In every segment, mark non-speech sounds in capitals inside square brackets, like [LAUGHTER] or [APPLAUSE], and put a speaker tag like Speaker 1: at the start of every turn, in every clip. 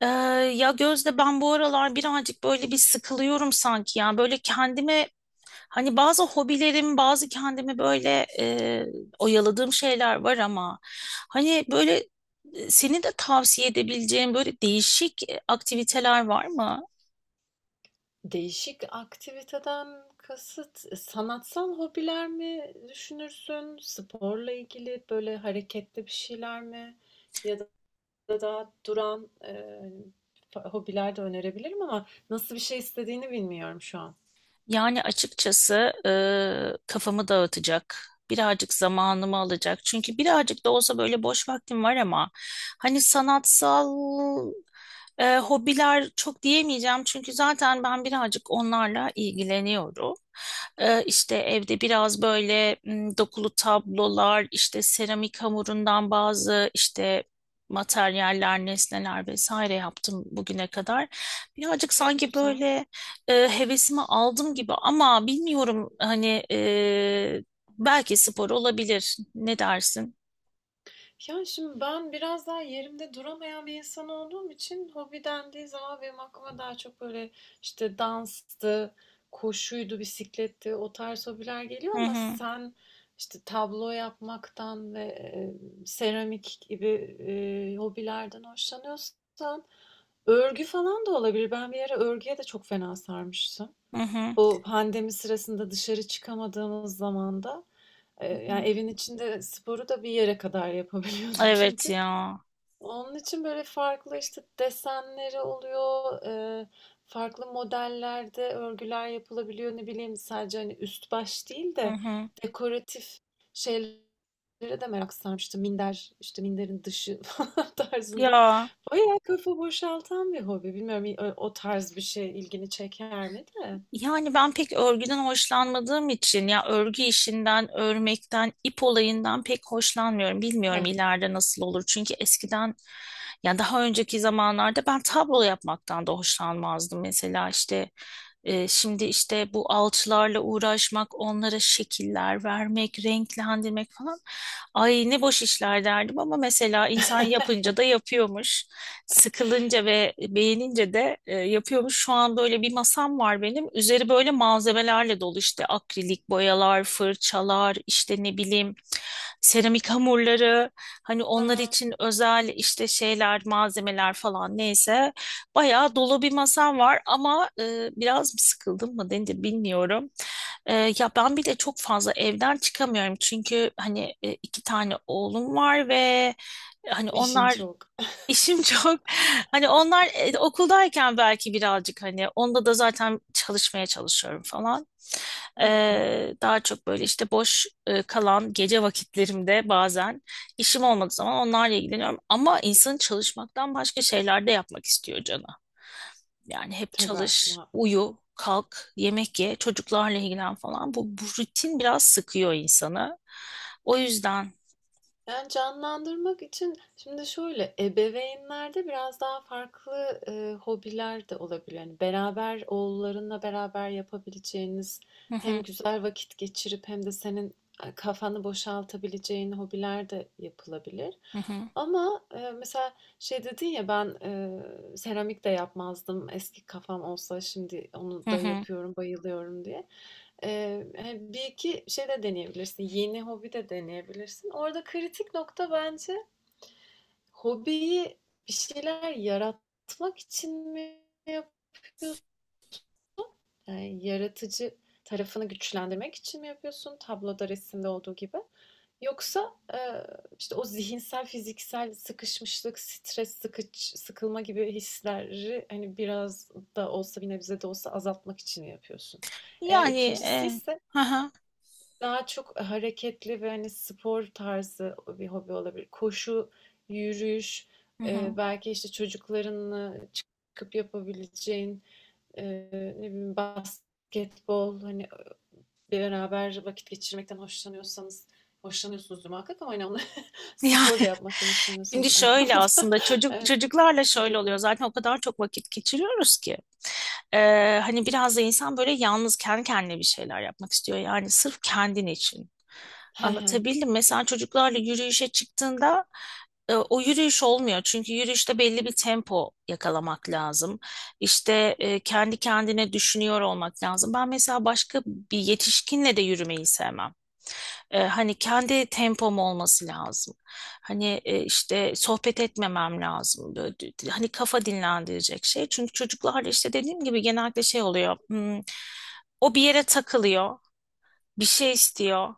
Speaker 1: Ee, ya Gözde ben bu aralar birazcık böyle bir sıkılıyorum sanki ya. Böyle kendime hani bazı hobilerim, bazı kendimi böyle oyaladığım şeyler var ama hani böyle senin de tavsiye edebileceğin böyle değişik aktiviteler var mı?
Speaker 2: Değişik aktiviteden kasıt, sanatsal hobiler mi düşünürsün? Sporla ilgili böyle hareketli bir şeyler mi? Ya da daha duran, hobiler de önerebilirim ama nasıl bir şey istediğini bilmiyorum şu an.
Speaker 1: Yani açıkçası kafamı dağıtacak, birazcık zamanımı alacak. Çünkü birazcık da olsa böyle boş vaktim var ama hani sanatsal hobiler çok diyemeyeceğim. Çünkü zaten ben birazcık onlarla ilgileniyorum. E, işte evde biraz böyle dokulu tablolar, işte seramik hamurundan bazı işte materyaller, nesneler vesaire yaptım bugüne kadar. Birazcık
Speaker 2: Çok
Speaker 1: sanki
Speaker 2: güzel.
Speaker 1: böyle hevesimi aldım gibi ama bilmiyorum hani belki spor olabilir. Ne dersin?
Speaker 2: Yani şimdi ben biraz daha yerimde duramayan bir insan olduğum için hobi dendiği zaman benim aklıma daha çok böyle işte danstı, koşuydu, bisikletti o tarz hobiler geliyor
Speaker 1: Hı
Speaker 2: ama
Speaker 1: hı,
Speaker 2: sen işte tablo yapmaktan ve seramik gibi hobilerden hoşlanıyorsan örgü falan da olabilir. Ben bir ara örgüye de çok fena sarmıştım.
Speaker 1: hı hı. Hı
Speaker 2: Bu pandemi sırasında dışarı çıkamadığımız zamanda,
Speaker 1: hı.
Speaker 2: yani, evin içinde sporu da bir yere kadar yapabiliyordum [LAUGHS]
Speaker 1: Evet
Speaker 2: çünkü.
Speaker 1: ya.
Speaker 2: Onun için, böyle, farklı, işte, desenleri oluyor, farklı modellerde örgüler yapılabiliyor. Ne bileyim, sadece, hani, üst baş değil
Speaker 1: Hı
Speaker 2: de
Speaker 1: hı.
Speaker 2: dekoratif şeylere de merak sarmıştım. Minder, işte, minderin dışı [LAUGHS] falan tarzında.
Speaker 1: Ya.
Speaker 2: Bayağı kafa boşaltan bir hobi. Bilmiyorum, o tarz bir şey ilgini çeker mi de?
Speaker 1: Yani ben pek örgüden hoşlanmadığım için ya örgü işinden, örmekten, ip olayından pek hoşlanmıyorum. Bilmiyorum ileride nasıl olur. Çünkü eskiden ya daha önceki zamanlarda ben tablo yapmaktan da hoşlanmazdım. Mesela işte şimdi işte bu alçılarla uğraşmak, onlara şekiller vermek, renklendirmek falan. Ay ne boş işler derdim ama mesela insan
Speaker 2: [LAUGHS]
Speaker 1: yapınca da yapıyormuş sıkılınca ve beğenince de yapıyormuş. Şu an böyle bir masam var benim. Üzeri böyle malzemelerle dolu işte akrilik boyalar, fırçalar, işte ne bileyim seramik hamurları. Hani onlar
Speaker 2: Aha,
Speaker 1: için özel işte şeyler, malzemeler falan neyse. Bayağı dolu bir masam var ama biraz mı sıkıldım mı denir bilmiyorum. E, ya ben bir de çok fazla evden çıkamıyorum çünkü hani iki tane oğlum var ve hani
Speaker 2: işin
Speaker 1: onlar.
Speaker 2: çok.
Speaker 1: İşim çok. [LAUGHS] Hani onlar okuldayken belki birazcık hani onda da zaten çalışmaya çalışıyorum falan.
Speaker 2: Hmm,
Speaker 1: Daha çok böyle işte boş kalan gece vakitlerimde bazen işim olmadığı zaman onlarla ilgileniyorum. Ama insanın çalışmaktan başka şeyler de yapmak istiyor canı. Yani hep
Speaker 2: tabii
Speaker 1: çalış,
Speaker 2: muhakkak.
Speaker 1: uyu, kalk, yemek ye, çocuklarla ilgilen falan. Bu rutin biraz sıkıyor insanı. O yüzden.
Speaker 2: Yani canlandırmak için şimdi şöyle ebeveynlerde biraz daha farklı hobiler de olabilir. Yani beraber oğullarınla beraber yapabileceğiniz
Speaker 1: Hı
Speaker 2: hem
Speaker 1: hı,
Speaker 2: güzel vakit geçirip hem de senin kafanı boşaltabileceğin hobiler de yapılabilir.
Speaker 1: hı hı,
Speaker 2: Ama mesela şey dedin ya ben seramik de yapmazdım. Eski kafam olsa şimdi
Speaker 1: hı
Speaker 2: onu da
Speaker 1: hı.
Speaker 2: yapıyorum, bayılıyorum diye. Hani bir iki şey de deneyebilirsin. Yeni hobi de deneyebilirsin. Orada kritik nokta bence hobiyi bir şeyler yaratmak için mi yapıyorsun? Yani yaratıcı tarafını güçlendirmek için mi yapıyorsun? Tabloda, resimde olduğu gibi. Yoksa işte o zihinsel, fiziksel sıkışmışlık, stres, sıkılma gibi hisleri hani biraz da olsa bir nebze de olsa azaltmak için mi yapıyorsun? Eğer
Speaker 1: Yani
Speaker 2: ikincisi ise
Speaker 1: [LAUGHS]
Speaker 2: daha çok hareketli ve hani spor tarzı bir hobi olabilir. Koşu, yürüyüş,
Speaker 1: Hı hı.
Speaker 2: belki işte çocuklarınla çıkıp yapabileceğin e, ne bileyim basketbol, hani beraber vakit geçirmekten hoşlanıyorsanız hoşlanıyorsunuzdur muhakkak ama hani onu [LAUGHS]
Speaker 1: Yani
Speaker 2: spor da yapmaktan
Speaker 1: [LAUGHS] şimdi
Speaker 2: hoşlanıyorsanız
Speaker 1: şöyle
Speaker 2: anlamında.
Speaker 1: aslında
Speaker 2: [LAUGHS]
Speaker 1: çocuk
Speaker 2: Evet,
Speaker 1: çocuklarla
Speaker 2: şey de
Speaker 1: şöyle oluyor
Speaker 2: yapılabilir.
Speaker 1: zaten o kadar çok vakit geçiriyoruz ki. Hani biraz da insan böyle yalnız kendi kendine bir şeyler yapmak istiyor yani sırf kendin için.
Speaker 2: [LAUGHS]
Speaker 1: Anlatabildim. Mesela çocuklarla yürüyüşe çıktığında o yürüyüş olmuyor. Çünkü yürüyüşte belli bir tempo yakalamak lazım. İşte kendi kendine düşünüyor olmak lazım. Ben mesela başka bir yetişkinle de yürümeyi sevmem. Hani kendi tempom olması lazım. Hani işte sohbet etmemem lazım. Böyle, hani kafa dinlendirecek şey. Çünkü çocuklarla işte dediğim gibi genellikle şey oluyor. O bir yere takılıyor bir şey istiyor.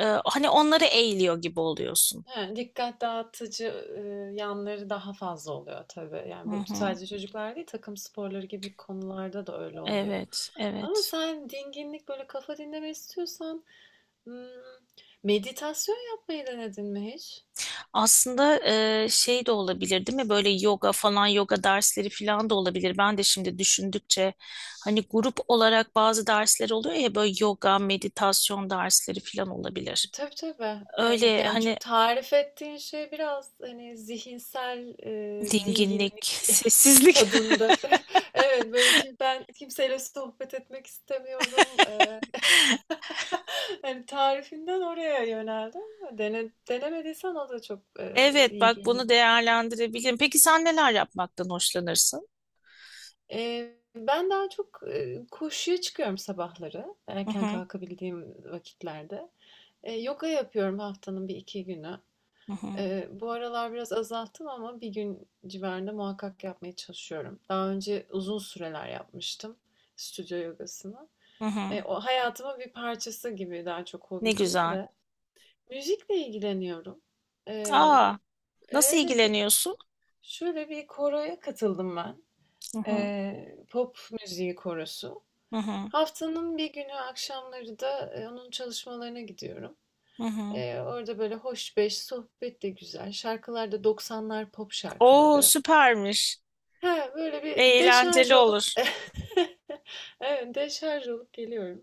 Speaker 1: Hani onları eğiliyor gibi oluyorsun.
Speaker 2: He, dikkat dağıtıcı, yanları daha fazla oluyor tabii.
Speaker 1: Hı
Speaker 2: Yani, bu
Speaker 1: hı.
Speaker 2: sadece çocuklar değil, takım sporları gibi konularda da öyle oluyor.
Speaker 1: Evet,
Speaker 2: Ama
Speaker 1: evet.
Speaker 2: sen dinginlik, böyle kafa dinleme istiyorsan, ımm, meditasyon yapmayı denedin mi hiç?
Speaker 1: Aslında şey de olabilir değil mi? Böyle yoga falan, yoga dersleri falan da olabilir. Ben de şimdi düşündükçe hani grup olarak bazı dersler oluyor ya böyle yoga, meditasyon dersleri falan olabilir.
Speaker 2: Tabii, tabii. Evet,
Speaker 1: Öyle
Speaker 2: yani,
Speaker 1: hani
Speaker 2: çünkü tarif ettiğin şey biraz, hani, zihinsel,
Speaker 1: dinginlik,
Speaker 2: dinginlik [LAUGHS]
Speaker 1: sessizlik. [LAUGHS]
Speaker 2: tadında. [LAUGHS] Evet, böyle, ki ben kimseyle sohbet etmek istemiyorum, hani tarifinden oraya yöneldim. Dene denemediysen o da çok,
Speaker 1: Evet,
Speaker 2: iyi
Speaker 1: bak
Speaker 2: geliyor.
Speaker 1: bunu değerlendirebilirim. Peki sen neler yapmaktan hoşlanırsın?
Speaker 2: Ben daha çok, koşuya çıkıyorum sabahları,
Speaker 1: Hı
Speaker 2: erken
Speaker 1: hı,
Speaker 2: kalkabildiğim vakitlerde. Yoga yapıyorum haftanın bir iki günü.
Speaker 1: hı hı,
Speaker 2: Bu aralar biraz azalttım ama bir gün civarında muhakkak yapmaya çalışıyorum. Daha önce uzun süreler yapmıştım stüdyo yogasını.
Speaker 1: hı hı.
Speaker 2: O hayatımın bir parçası gibi, daha çok
Speaker 1: Ne
Speaker 2: hobi değil
Speaker 1: güzel.
Speaker 2: de. Müzikle ilgileniyorum.
Speaker 1: Aa. Nasıl
Speaker 2: Evet,
Speaker 1: ilgileniyorsun?
Speaker 2: şöyle bir koroya katıldım ben.
Speaker 1: Hı hı.
Speaker 2: Pop müziği korosu.
Speaker 1: Hı hı.
Speaker 2: Haftanın bir günü akşamları da onun çalışmalarına gidiyorum.
Speaker 1: Hı hı.
Speaker 2: Orada böyle hoş beş, sohbet de güzel. Şarkılar da doksanlar pop
Speaker 1: Oo
Speaker 2: şarkıları.
Speaker 1: süpermiş.
Speaker 2: Ha, böyle bir deşarj
Speaker 1: Eğlenceli
Speaker 2: olup,
Speaker 1: olur.
Speaker 2: [LAUGHS] evet, deşarj olup geliyorum.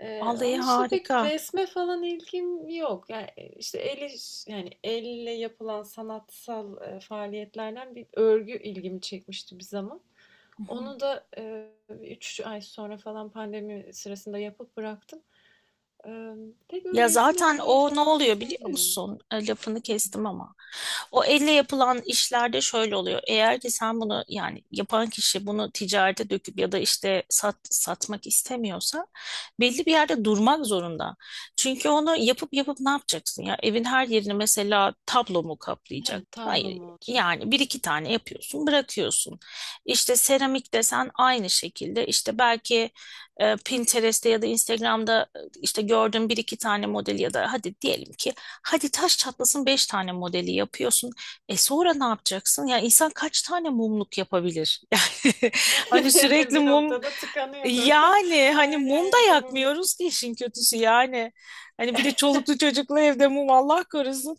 Speaker 1: Vallahi
Speaker 2: Onun dışında pek
Speaker 1: harika.
Speaker 2: resme falan ilgim yok. Yani işte yani elle yapılan sanatsal faaliyetlerden bir örgü ilgimi çekmişti bir zaman.
Speaker 1: Hı hı.
Speaker 2: Onu da 3 ay sonra falan pandemi sırasında yapıp bıraktım. Pek
Speaker 1: Ya
Speaker 2: öyle resim
Speaker 1: zaten
Speaker 2: yapmayı
Speaker 1: o ne
Speaker 2: falan
Speaker 1: oluyor biliyor
Speaker 2: sevmiyorum.
Speaker 1: musun? Lafını kestim ama. O elle yapılan işlerde şöyle oluyor. Eğer ki sen bunu yani yapan kişi bunu ticarete döküp ya da işte sat, satmak istemiyorsa belli bir yerde durmak zorunda. Çünkü onu yapıp yapıp ne yapacaksın ya? Evin her yerini mesela tablo mu
Speaker 2: He,
Speaker 1: kaplayacak?
Speaker 2: tablo
Speaker 1: Hayır.
Speaker 2: mu olacak.
Speaker 1: Yani bir iki tane yapıyorsun, bırakıyorsun. İşte seramik desen aynı şekilde. İşte belki Pinterest'te ya da Instagram'da işte gördüğün bir iki tane model ya da hadi diyelim ki hadi taş çatlasın 5 tane modeli yapıyorsun. E sonra ne yapacaksın? Ya insan kaç tane mumluk yapabilir? [LAUGHS] Yani hani
Speaker 2: [LAUGHS] Yani
Speaker 1: sürekli
Speaker 2: bir
Speaker 1: mum,
Speaker 2: noktada tıkanıyor tabii.
Speaker 1: yani
Speaker 2: [LAUGHS]
Speaker 1: hani
Speaker 2: Her
Speaker 1: mum da
Speaker 2: yerde mumluk.
Speaker 1: yakmıyoruz ki işin kötüsü yani. Hani bir de çoluklu çocuklu evde mum Allah korusun.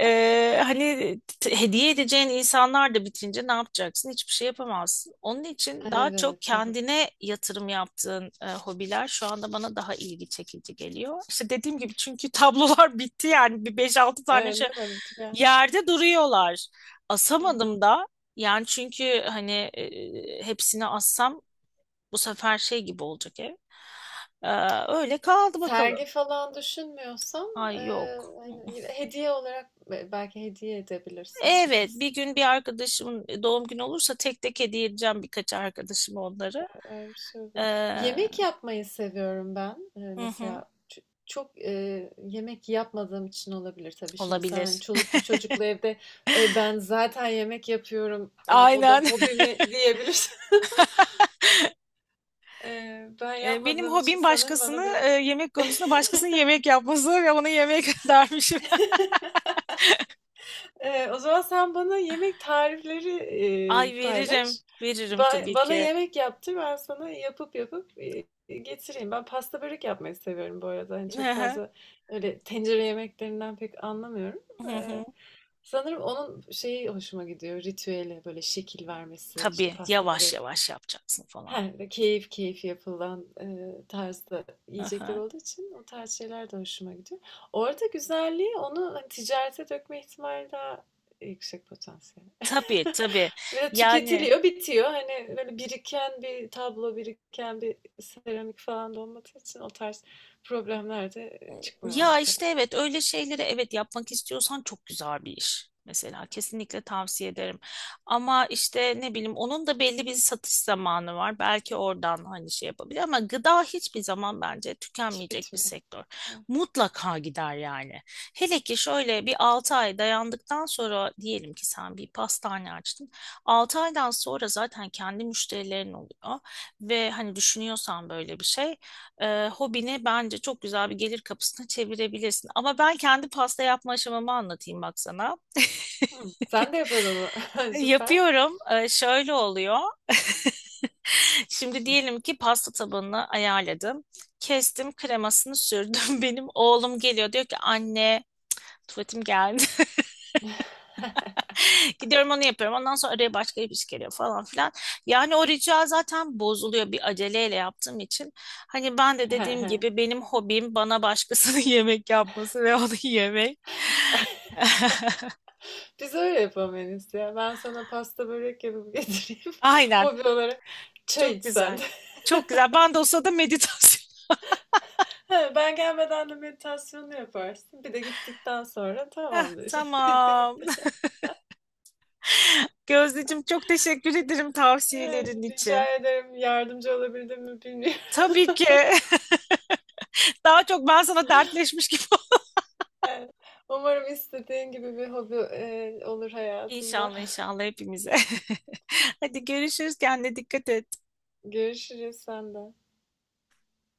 Speaker 1: Hani hediye edeceğin insanlar da bitince ne yapacaksın? Hiçbir şey yapamazsın. Onun için daha çok
Speaker 2: Evet, tabii.
Speaker 1: kendine yatırım yaptığın hobiler şu anda bana daha ilgi çekici geliyor. İşte dediğim gibi çünkü tablolar [LAUGHS] bitti yani bir beş altı tane
Speaker 2: Evet,
Speaker 1: şey
Speaker 2: değil mi? Tıkan
Speaker 1: yerde duruyorlar.
Speaker 2: hı
Speaker 1: Asamadım da yani çünkü hani hepsini assam bu sefer şey gibi olacak ev. Ee, öyle kaldı bakalım.
Speaker 2: sergi falan düşünmüyorsam,
Speaker 1: Ay yok. Hı.
Speaker 2: hani, hediye olarak belki hediye edebilirsin bir
Speaker 1: Evet,
Speaker 2: kısmını.
Speaker 1: bir gün bir arkadaşımın doğum günü olursa tek tek hediye edeceğim birkaç arkadaşıma onları.
Speaker 2: Öyle bir şey oluyor.
Speaker 1: Ee,
Speaker 2: Yemek yapmayı seviyorum ben.
Speaker 1: hı hı,
Speaker 2: Mesela çok yemek yapmadığım için olabilir tabii. Şimdi sen
Speaker 1: olabilir.
Speaker 2: çoluklu çocuklu evde, "E, ben zaten yemek yapıyorum.
Speaker 1: [LAUGHS]
Speaker 2: O da
Speaker 1: Aynen.
Speaker 2: hobimi diyebilirsin." [LAUGHS] Ben
Speaker 1: Benim
Speaker 2: yapmadığım için
Speaker 1: hobim
Speaker 2: sanırım
Speaker 1: başkasını
Speaker 2: bana biraz
Speaker 1: yemek konusunda
Speaker 2: [LAUGHS]
Speaker 1: başkasının yemek yapması ve ona yemek [LAUGHS] dermişim.
Speaker 2: O zaman sen bana yemek tarifleri,
Speaker 1: Ay veririm.
Speaker 2: paylaş.
Speaker 1: Veririm tabii
Speaker 2: Bana
Speaker 1: ki.
Speaker 2: yemek yaptır, ben sana yapıp, getireyim. Ben pasta börek yapmayı seviyorum bu arada. Hani
Speaker 1: Hı
Speaker 2: çok
Speaker 1: hı,
Speaker 2: fazla öyle tencere yemeklerinden pek anlamıyorum.
Speaker 1: hı hı.
Speaker 2: Sanırım onun şeyi hoşuma gidiyor, ritüeli, böyle şekil vermesi, işte
Speaker 1: Tabii
Speaker 2: pasta
Speaker 1: yavaş
Speaker 2: böreği.
Speaker 1: yavaş yapacaksın
Speaker 2: He,
Speaker 1: falan.
Speaker 2: keyif keyif yapılan tarzda
Speaker 1: Hı
Speaker 2: yiyecekler
Speaker 1: hı.
Speaker 2: olduğu için o tarz şeyler de hoşuma gidiyor. Orada güzelliği onu hani ticarete dökme ihtimali daha yüksek potansiyel.
Speaker 1: Tabii tabii.
Speaker 2: [LAUGHS] Ve de
Speaker 1: Yani
Speaker 2: tüketiliyor, bitiyor. Hani böyle biriken bir tablo, biriken bir seramik falan da olmadığı için o tarz problemler de çıkmıyor
Speaker 1: ya
Speaker 2: ortaya.
Speaker 1: işte evet öyle şeyleri evet yapmak istiyorsan çok güzel bir iş. Mesela kesinlikle tavsiye ederim. Ama işte ne bileyim onun da belli bir satış zamanı var. Belki oradan hani şey yapabilir ama gıda hiçbir zaman bence
Speaker 2: Hiç
Speaker 1: tükenmeyecek bir
Speaker 2: bitmiyor.
Speaker 1: sektör.
Speaker 2: Evet.
Speaker 1: Mutlaka gider yani. Hele ki şöyle bir 6 ay dayandıktan sonra diyelim ki sen bir pastane açtın. 6 aydan sonra zaten kendi müşterilerin oluyor ve hani düşünüyorsan böyle bir şey, hobini bence çok güzel bir gelir kapısına çevirebilirsin. Ama ben kendi pasta yapma aşamamı anlatayım bak sana.
Speaker 2: Hı. Sen de yapıyordun onu. [LAUGHS]
Speaker 1: [LAUGHS]
Speaker 2: Süper.
Speaker 1: Yapıyorum. Şöyle oluyor. [LAUGHS] Şimdi diyelim ki pasta tabanını ayarladım. Kestim, kremasını sürdüm. [LAUGHS] Benim oğlum geliyor diyor ki: anne, tuvaletim geldi.
Speaker 2: [LAUGHS]
Speaker 1: [LAUGHS] Gidiyorum onu yapıyorum. Ondan sonra araya başka bir iş geliyor falan filan. Yani o rica zaten bozuluyor bir aceleyle yaptığım için. Hani ben de
Speaker 2: He,
Speaker 1: dediğim
Speaker 2: he.
Speaker 1: gibi benim hobim bana başkasının [LAUGHS] yemek yapması ve onu yemek. [LAUGHS]
Speaker 2: Biz öyle yapamayız ya. Ben sana pasta börek yapıp getireyim. [LAUGHS]
Speaker 1: Aynen.
Speaker 2: Hobi olarak çay
Speaker 1: Çok
Speaker 2: içsen
Speaker 1: güzel.
Speaker 2: de. [LAUGHS]
Speaker 1: Çok güzel. Bandosla da meditasyon. [LAUGHS]
Speaker 2: Ha, ben gelmeden de meditasyonu yaparsın. Bir de gittikten sonra
Speaker 1: Heh,
Speaker 2: tamamdır. [LAUGHS] Bitti
Speaker 1: tamam.
Speaker 2: gitti.
Speaker 1: [LAUGHS] Gözdeciğim çok teşekkür ederim
Speaker 2: Evet,
Speaker 1: tavsiyelerin
Speaker 2: rica
Speaker 1: için.
Speaker 2: ederim. Yardımcı olabildim mi bilmiyorum. [LAUGHS]
Speaker 1: Tabii ki. [LAUGHS] Daha çok ben sana dertleşmiş gibi [LAUGHS] oldum.
Speaker 2: Evet. Umarım istediğin gibi bir hobi olur hayatında.
Speaker 1: İnşallah inşallah hepimize. [LAUGHS] Hadi görüşürüz. Kendine dikkat et.
Speaker 2: [LAUGHS] Görüşürüz senden.